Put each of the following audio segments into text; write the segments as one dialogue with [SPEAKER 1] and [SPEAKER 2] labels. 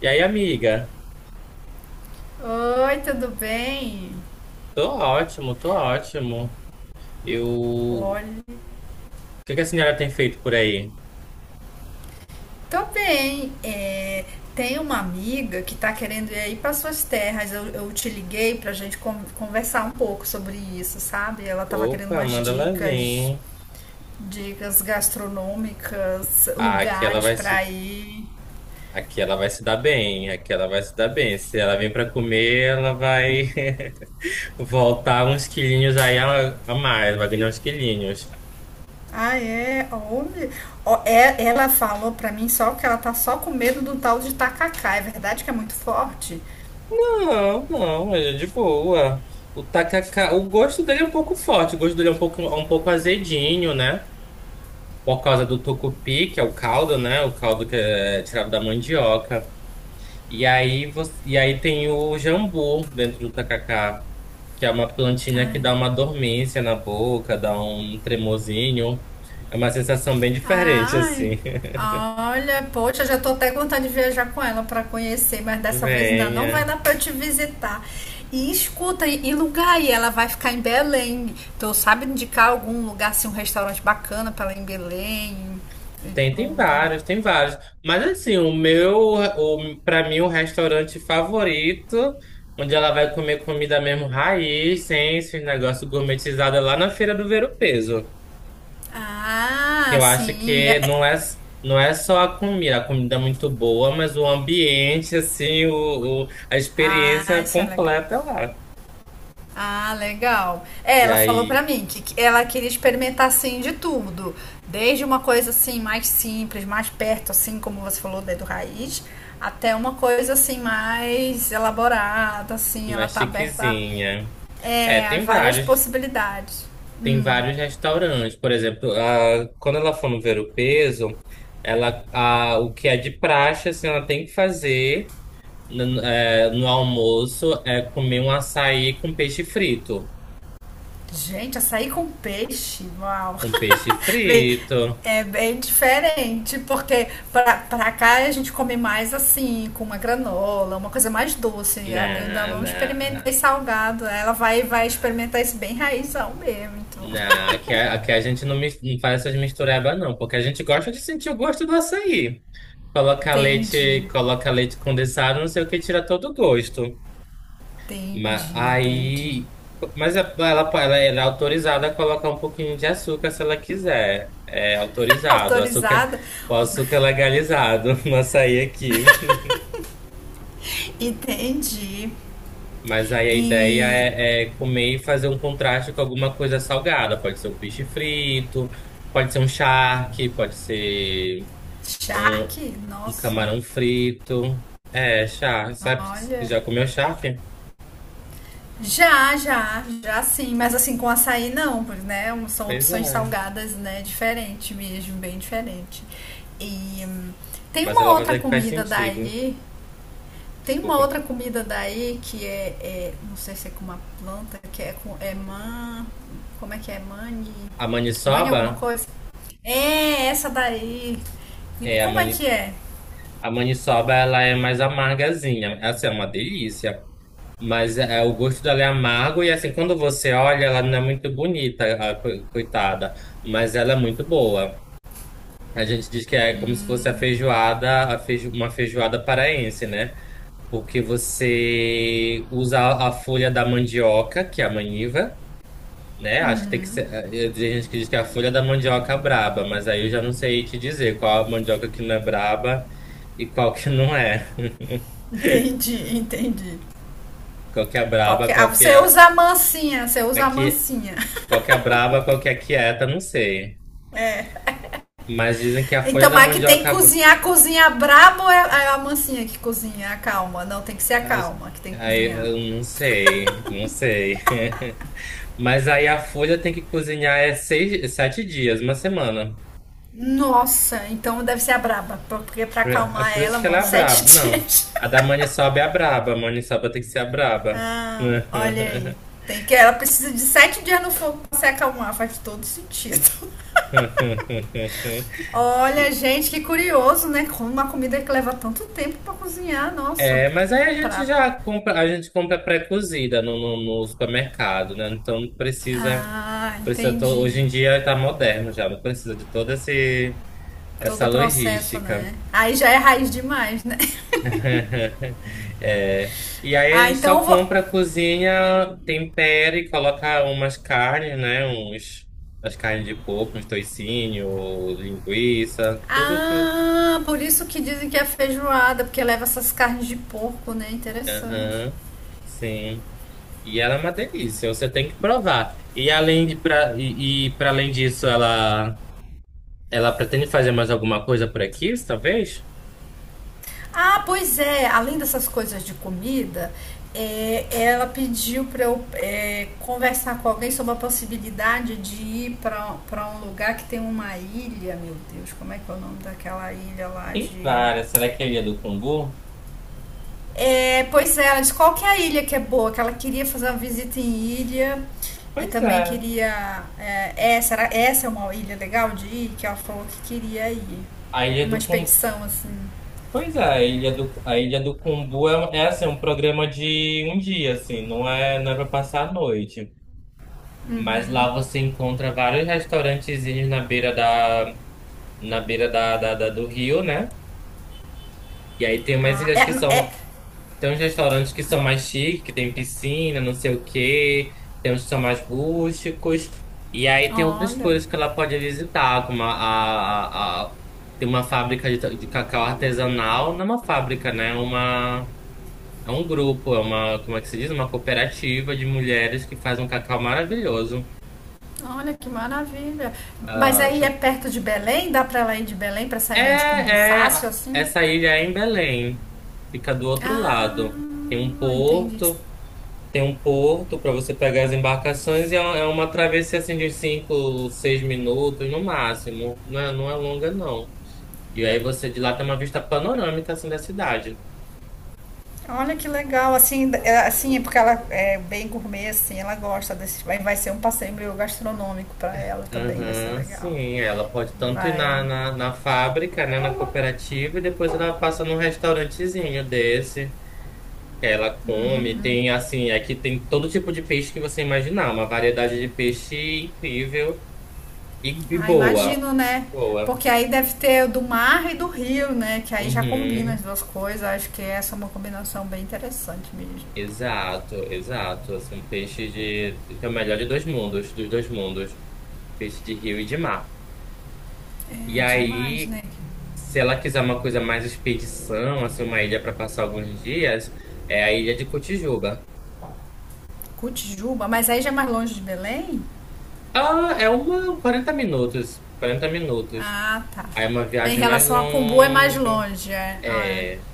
[SPEAKER 1] E aí, amiga?
[SPEAKER 2] Oi, tudo bem?
[SPEAKER 1] Tô ótimo, tô ótimo. Eu... O
[SPEAKER 2] Olha,
[SPEAKER 1] que que a senhora tem feito por aí?
[SPEAKER 2] tô bem. É, tem uma amiga que tá querendo ir aí para suas terras. Eu te liguei pra gente conversar um pouco sobre isso, sabe? Ela tava querendo
[SPEAKER 1] Opa,
[SPEAKER 2] umas
[SPEAKER 1] manda ela
[SPEAKER 2] dicas,
[SPEAKER 1] vir.
[SPEAKER 2] dicas gastronômicas,
[SPEAKER 1] Ah, aqui ela
[SPEAKER 2] lugares
[SPEAKER 1] vai se...
[SPEAKER 2] pra ir.
[SPEAKER 1] Aqui ela vai se dar bem, aqui ela vai se dar bem. Se ela vem pra comer, ela vai voltar uns quilinhos aí a mais, vai ganhar uns quilinhos.
[SPEAKER 2] Ah, é? Onde? Ó, ela falou pra mim só que ela tá só com medo do tal de tacacá. É verdade que é muito forte?
[SPEAKER 1] Não, não, ele é de boa. O tacacá, o gosto dele é um pouco forte, o gosto dele é um pouco azedinho, né? Por causa do tucupi, que é o caldo, né? O caldo que é tirado da mandioca. E aí tem o jambu dentro do tacacá, que é uma plantinha que dá uma dormência na boca, dá um tremozinho. É uma sensação bem diferente,
[SPEAKER 2] Ai,
[SPEAKER 1] assim.
[SPEAKER 2] olha, poxa, já tô até com vontade de viajar com ela para conhecer, mas dessa vez ainda não
[SPEAKER 1] Venha.
[SPEAKER 2] vai dar para eu te visitar. E escuta, e lugar aí? Ela vai ficar em Belém. Tu sabe indicar algum lugar, assim, um restaurante bacana para ela em Belém e
[SPEAKER 1] Tem, tem
[SPEAKER 2] tudo?
[SPEAKER 1] vários, tem vários. Mas assim, pra mim, o restaurante favorito, onde ela vai comer comida mesmo raiz, sem esse negócio gourmetizado, é lá na Feira do Ver-o-Peso. Que
[SPEAKER 2] Ah,
[SPEAKER 1] eu acho
[SPEAKER 2] sim.
[SPEAKER 1] que não é, não é só a comida é muito boa, mas o ambiente, assim, a
[SPEAKER 2] Ah,
[SPEAKER 1] experiência
[SPEAKER 2] isso é legal.
[SPEAKER 1] completa lá.
[SPEAKER 2] Ah, legal. É,
[SPEAKER 1] E
[SPEAKER 2] ela falou pra
[SPEAKER 1] aí,
[SPEAKER 2] mim que ela queria experimentar assim de tudo, desde uma coisa assim mais simples, mais perto assim, como você falou, dedo raiz, até uma coisa assim mais elaborada, assim, ela
[SPEAKER 1] mais
[SPEAKER 2] tá aberta
[SPEAKER 1] chiquezinha.
[SPEAKER 2] a
[SPEAKER 1] É,
[SPEAKER 2] é, várias possibilidades.
[SPEAKER 1] tem vários restaurantes. Por exemplo, a, quando ela for no Ver o Peso, o que é de praxe, assim, ela tem que fazer no almoço é comer um açaí com peixe frito.
[SPEAKER 2] Gente, açaí com peixe, uau!
[SPEAKER 1] Um peixe
[SPEAKER 2] Bem,
[SPEAKER 1] frito.
[SPEAKER 2] é bem diferente, porque pra cá a gente come mais assim, com uma granola, uma coisa mais doce. Eu ainda
[SPEAKER 1] Não,
[SPEAKER 2] não experimentei
[SPEAKER 1] não.
[SPEAKER 2] salgado. Ela vai, vai experimentar isso bem raizão mesmo, então.
[SPEAKER 1] Não, aqui, aqui a gente não, não faz essas misturebas, não, porque a gente gosta de sentir o gosto do açaí.
[SPEAKER 2] Entendi,
[SPEAKER 1] Coloca leite condensado, não sei o que, tira todo o gosto. Mas
[SPEAKER 2] entendi, entendi.
[SPEAKER 1] aí. Ela é autorizada a colocar um pouquinho de açúcar se ela quiser. É autorizado. Açúcar,
[SPEAKER 2] Autorizada?
[SPEAKER 1] o açúcar é legalizado no açaí aqui.
[SPEAKER 2] Entendi.
[SPEAKER 1] Mas aí a ideia
[SPEAKER 2] E
[SPEAKER 1] é, é comer e fazer um contraste com alguma coisa salgada. Pode ser um peixe frito, pode ser um charque, pode ser. um,
[SPEAKER 2] charque?
[SPEAKER 1] um
[SPEAKER 2] Nossa,
[SPEAKER 1] camarão frito. É, charque. Sabe,
[SPEAKER 2] olha.
[SPEAKER 1] já comeu charque?
[SPEAKER 2] Já, já, já sim, mas assim com açaí não, pois, né? São
[SPEAKER 1] Pois
[SPEAKER 2] opções
[SPEAKER 1] é.
[SPEAKER 2] salgadas, né? Diferente mesmo, bem diferente. E hum, tem
[SPEAKER 1] Mas
[SPEAKER 2] uma
[SPEAKER 1] ela vai
[SPEAKER 2] outra
[SPEAKER 1] ver que faz
[SPEAKER 2] comida
[SPEAKER 1] sentido.
[SPEAKER 2] daí, tem uma
[SPEAKER 1] Desculpa.
[SPEAKER 2] outra comida daí que é, não sei se é com uma planta, que é com é man, como é que é? Mani,
[SPEAKER 1] A
[SPEAKER 2] mani alguma
[SPEAKER 1] maniçoba,
[SPEAKER 2] coisa? É essa daí.
[SPEAKER 1] é, a,
[SPEAKER 2] Como é que
[SPEAKER 1] mani,
[SPEAKER 2] é?
[SPEAKER 1] a maniçoba, ela é mais amargazinha. Essa é uma delícia. Mas o gosto dela é amargo e assim, quando você olha, ela não é muito bonita, a coitada. Mas ela é muito boa. A gente diz que é como se fosse a feijoada, uma feijoada paraense, né? Porque você usa a folha da mandioca, que é a maniva, né? Acho que tem que ser. Tem gente que diz que é a folha da mandioca é braba, mas aí eu já não sei te dizer qual a mandioca que não é braba e qual que não é.
[SPEAKER 2] Entendi, entendi.
[SPEAKER 1] Qual que é
[SPEAKER 2] Qual
[SPEAKER 1] braba,
[SPEAKER 2] que é? Ah,
[SPEAKER 1] qual que
[SPEAKER 2] você
[SPEAKER 1] é
[SPEAKER 2] usa a mansinha, você usa a
[SPEAKER 1] aqui,
[SPEAKER 2] mansinha.
[SPEAKER 1] qual que é braba, qual que é quieta, não sei. Mas dizem que a folha
[SPEAKER 2] Então,
[SPEAKER 1] da
[SPEAKER 2] mas que tem que
[SPEAKER 1] mandioca,
[SPEAKER 2] cozinhar, cozinhar brabo é a mansinha que cozinha, a calma. Não, tem que ser a
[SPEAKER 1] elas-
[SPEAKER 2] calma que tem que
[SPEAKER 1] aí
[SPEAKER 2] cozinhar.
[SPEAKER 1] eu não sei, não sei. Mas aí a folha tem que cozinhar é seis, sete dias, uma semana.
[SPEAKER 2] Nossa, então deve ser a braba, porque pra
[SPEAKER 1] É
[SPEAKER 2] acalmar
[SPEAKER 1] por isso
[SPEAKER 2] ela,
[SPEAKER 1] que ela é
[SPEAKER 2] mano,
[SPEAKER 1] a
[SPEAKER 2] 7
[SPEAKER 1] braba. Não.
[SPEAKER 2] dias.
[SPEAKER 1] A da Maniçoba é a braba. A Maniçoba tem que ser a braba.
[SPEAKER 2] Ah, olha aí. Tem que, ela precisa de 7 dias no fogo pra se acalmar, faz todo sentido. Olha,
[SPEAKER 1] E-
[SPEAKER 2] gente, que curioso, né? Como uma comida que leva tanto tempo pra cozinhar, nossa.
[SPEAKER 1] É, mas aí a gente
[SPEAKER 2] Pra...
[SPEAKER 1] já compra, a gente compra pré-cozida no supermercado, né? Então não precisa,
[SPEAKER 2] Ah, entendi.
[SPEAKER 1] hoje em dia tá moderno já, não precisa de toda esse,
[SPEAKER 2] Todo
[SPEAKER 1] essa
[SPEAKER 2] o processo, né?
[SPEAKER 1] logística.
[SPEAKER 2] Aí já é raiz demais, né?
[SPEAKER 1] É. E aí a
[SPEAKER 2] Ah,
[SPEAKER 1] gente só
[SPEAKER 2] então eu vou.
[SPEAKER 1] compra, cozinha, tempera e coloca umas carnes, né? Uns, as carnes de porco, uns toicinho, linguiça, tudo que.
[SPEAKER 2] Ah, por isso que dizem que é feijoada, porque leva essas carnes de porco, né? Interessante.
[SPEAKER 1] Aham. Sim. E ela é uma delícia, você tem que provar. E além de pra, e para além disso, ela pretende fazer mais alguma coisa por aqui, talvez?
[SPEAKER 2] Ah, pois é, além dessas coisas de comida, é, ela pediu para eu é, conversar com alguém sobre a possibilidade de ir para um lugar que tem uma ilha, meu Deus, como é que é o nome daquela ilha lá
[SPEAKER 1] Tem
[SPEAKER 2] de
[SPEAKER 1] várias. Será que é a Ilha do Cumbu?
[SPEAKER 2] É, pois é, ela disse qual que é a ilha que é boa, que ela queria fazer uma visita em ilha e
[SPEAKER 1] Pois
[SPEAKER 2] também
[SPEAKER 1] é.
[SPEAKER 2] queria. É, essa, era, essa é uma ilha legal de ir, que ela falou que queria ir.
[SPEAKER 1] A Ilha
[SPEAKER 2] Uma
[SPEAKER 1] do Cumbu.
[SPEAKER 2] expedição, assim.
[SPEAKER 1] Pois é, a Ilha do Cumbu é, um, é assim, um programa de um dia, assim, não é, não é para passar a noite. Mas lá você encontra vários restaurantezinhos na beira da, na beira do rio, né? E aí tem umas
[SPEAKER 2] Ah,
[SPEAKER 1] ilhas que
[SPEAKER 2] é, é,
[SPEAKER 1] são, tem uns restaurantes que são mais chiques, que tem piscina, não sei o quê, tem uns que são mais rústicos. E aí tem outras
[SPEAKER 2] olha,
[SPEAKER 1] coisas que ela pode visitar, como tem uma fábrica de, de cacau artesanal, não é uma fábrica, né? É uma... É um grupo, é uma, como é que se diz? Uma cooperativa de mulheres que faz um cacau maravilhoso.
[SPEAKER 2] olha que maravilha. Mas
[SPEAKER 1] Ah,
[SPEAKER 2] aí é perto de Belém? Dá pra ela ir de Belém pra essa
[SPEAKER 1] é,
[SPEAKER 2] ilha de Cumbu fácil,
[SPEAKER 1] é,
[SPEAKER 2] assim?
[SPEAKER 1] essa ilha é em Belém. Fica do outro lado.
[SPEAKER 2] Ah, entendi.
[SPEAKER 1] Tem um porto para você pegar as embarcações e é uma travessia assim de 5, 6 minutos no máximo. Não é, não é longa, não. E aí você de lá tem uma vista panorâmica assim da cidade.
[SPEAKER 2] Olha que legal, assim, é porque ela é bem gourmet, assim, ela gosta desse, vai, vai ser um passeio meio gastronômico para ela também, vai ser
[SPEAKER 1] Uhum,
[SPEAKER 2] legal.
[SPEAKER 1] sim, ela pode tanto ir
[SPEAKER 2] Vai.
[SPEAKER 1] na fábrica, né, na cooperativa, e depois ela passa num restaurantezinho desse, que ela come, tem assim, aqui tem todo tipo de peixe que você imaginar, uma variedade de peixe incrível e
[SPEAKER 2] Ah,
[SPEAKER 1] boa,
[SPEAKER 2] imagino,
[SPEAKER 1] e
[SPEAKER 2] né?
[SPEAKER 1] boa.
[SPEAKER 2] Porque aí deve ter do mar e do rio, né? Que aí já combina as
[SPEAKER 1] Uhum,
[SPEAKER 2] duas coisas. Acho que essa é uma combinação bem interessante mesmo.
[SPEAKER 1] exato, exato, assim, peixe de, tem o melhor de dois mundos, dos dois mundos, peixe de rio e de mar.
[SPEAKER 2] É
[SPEAKER 1] E
[SPEAKER 2] demais,
[SPEAKER 1] aí,
[SPEAKER 2] né?
[SPEAKER 1] se ela quiser uma coisa mais expedição, assim, uma ilha para passar alguns dias, é a ilha de Cotijuba.
[SPEAKER 2] Cotijuba, mas aí já é mais longe de Belém?
[SPEAKER 1] Ah, é uma 40 minutos, 40 minutos.
[SPEAKER 2] Ah, tá.
[SPEAKER 1] Aí é uma
[SPEAKER 2] Em
[SPEAKER 1] viagem mais
[SPEAKER 2] relação a Cumbu é mais
[SPEAKER 1] longa.
[SPEAKER 2] longe, é. Ah, é.
[SPEAKER 1] É,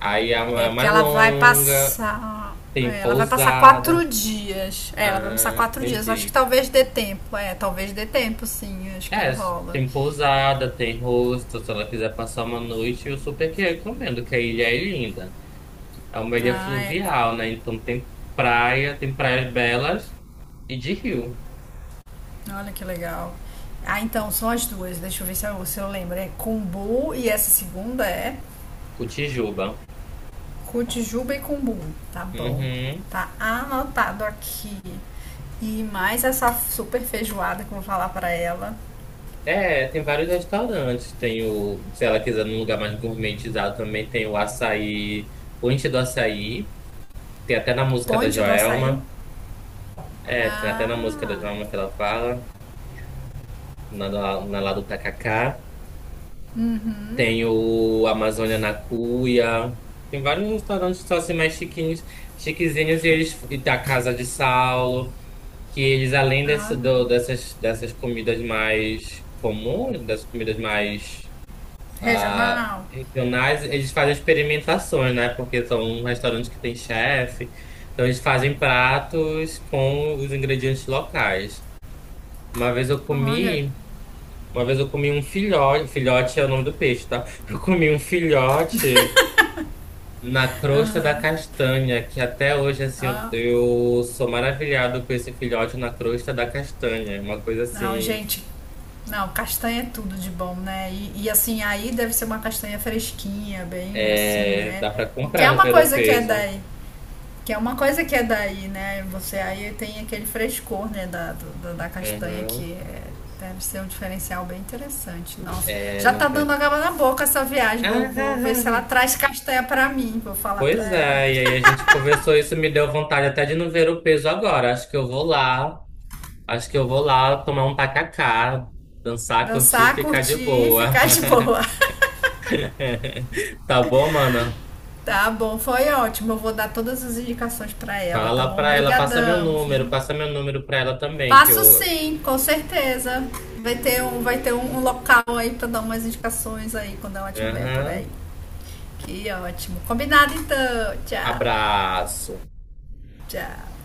[SPEAKER 1] aí é uma
[SPEAKER 2] É
[SPEAKER 1] é
[SPEAKER 2] porque
[SPEAKER 1] mais
[SPEAKER 2] ela vai
[SPEAKER 1] longa,
[SPEAKER 2] passar.
[SPEAKER 1] tem
[SPEAKER 2] É, Ela vai passar 4
[SPEAKER 1] pousada.
[SPEAKER 2] dias. É, ela vai passar
[SPEAKER 1] Ah,
[SPEAKER 2] quatro dias. Acho que
[SPEAKER 1] entendi.
[SPEAKER 2] talvez dê tempo. É, talvez dê tempo, sim. Acho que
[SPEAKER 1] É,
[SPEAKER 2] rola.
[SPEAKER 1] tem pousada, tem hostel, se ela quiser passar uma noite, eu super que recomendo, que a ilha é linda. É uma ilha
[SPEAKER 2] Ah, é,
[SPEAKER 1] fluvial, né? Então tem praia, tem praias belas e de rio.
[SPEAKER 2] olha que legal. Ah, então, são as duas. Deixa eu ver se eu lembro. É Kumbu e essa segunda é
[SPEAKER 1] Cotijuba.
[SPEAKER 2] Cotijuba e Kumbu. Tá bom.
[SPEAKER 1] Uhum.
[SPEAKER 2] Tá anotado aqui. E mais essa super feijoada que eu vou falar pra ela.
[SPEAKER 1] É, tem vários restaurantes. Tem o, se ela quiser num lugar mais gourmetizado também, tem o açaí, o Inti do Açaí. Tem até na música da
[SPEAKER 2] Ponte do açaí.
[SPEAKER 1] Joelma. É, tem até
[SPEAKER 2] Ah,
[SPEAKER 1] na música da Joelma que ela fala, na, na lá do Tacacá.
[SPEAKER 2] uhum.
[SPEAKER 1] Tem o Amazônia na Cuia. Tem vários restaurantes que são assim mais chiquinhos, chiquezinhos, e eles e da Casa de Saulo, que eles, além desse,
[SPEAKER 2] Olha.
[SPEAKER 1] dessas comidas mais comuns, dessas comidas mais. Ah,
[SPEAKER 2] Regional?
[SPEAKER 1] regionais, eles fazem experimentações, né? Porque são restaurantes que têm chefe. Então eles fazem pratos com os ingredientes locais. Uma vez eu
[SPEAKER 2] Olha,
[SPEAKER 1] comi, uma vez eu comi um filhote, filhote é o nome do peixe, tá? Eu comi um filhote na crosta da castanha, que até hoje assim eu
[SPEAKER 2] ó,
[SPEAKER 1] eu sou maravilhado com esse filhote na crosta da castanha. É uma coisa
[SPEAKER 2] não,
[SPEAKER 1] assim,
[SPEAKER 2] gente, não, castanha é tudo de bom, né? E, assim, aí deve ser uma castanha fresquinha, bem assim,
[SPEAKER 1] é,
[SPEAKER 2] né?
[SPEAKER 1] dá pra
[SPEAKER 2] Porque
[SPEAKER 1] comprar
[SPEAKER 2] é
[SPEAKER 1] no
[SPEAKER 2] uma
[SPEAKER 1] Ver o
[SPEAKER 2] coisa que é
[SPEAKER 1] Peso.
[SPEAKER 2] daí, que é uma coisa que é daí, né? Você aí tem aquele frescor, né, da, da da castanha
[SPEAKER 1] Uhum.
[SPEAKER 2] deve ser um diferencial bem interessante. Nossa,
[SPEAKER 1] É,
[SPEAKER 2] já
[SPEAKER 1] no,
[SPEAKER 2] tá dando água na boca essa viagem. Vou,
[SPEAKER 1] Ah,
[SPEAKER 2] vou ver
[SPEAKER 1] ah,
[SPEAKER 2] se ela
[SPEAKER 1] ah.
[SPEAKER 2] traz castanha pra mim, vou falar pra
[SPEAKER 1] Pois
[SPEAKER 2] ela.
[SPEAKER 1] é, e aí a gente conversou isso, me deu vontade até de não ver o peso agora. Acho que eu vou lá, acho que eu vou lá tomar um tacacá, dançar, curtir e
[SPEAKER 2] Dançar,
[SPEAKER 1] ficar de
[SPEAKER 2] curtir e
[SPEAKER 1] boa.
[SPEAKER 2] ficar de boa.
[SPEAKER 1] Tá bom, mano?
[SPEAKER 2] Tá bom, foi ótimo. Eu vou dar todas as indicações pra ela,
[SPEAKER 1] Fala
[SPEAKER 2] tá
[SPEAKER 1] lá
[SPEAKER 2] bom?
[SPEAKER 1] pra ela,
[SPEAKER 2] Obrigadão, viu?
[SPEAKER 1] passa meu número pra ela também, que
[SPEAKER 2] Passo
[SPEAKER 1] eu.
[SPEAKER 2] sim, com certeza. Vai ter um, um local aí pra dar umas indicações aí quando ela tiver por
[SPEAKER 1] Aham.
[SPEAKER 2] aí. Que ótimo. Combinado então. Tchau,
[SPEAKER 1] Abraço.
[SPEAKER 2] tchau.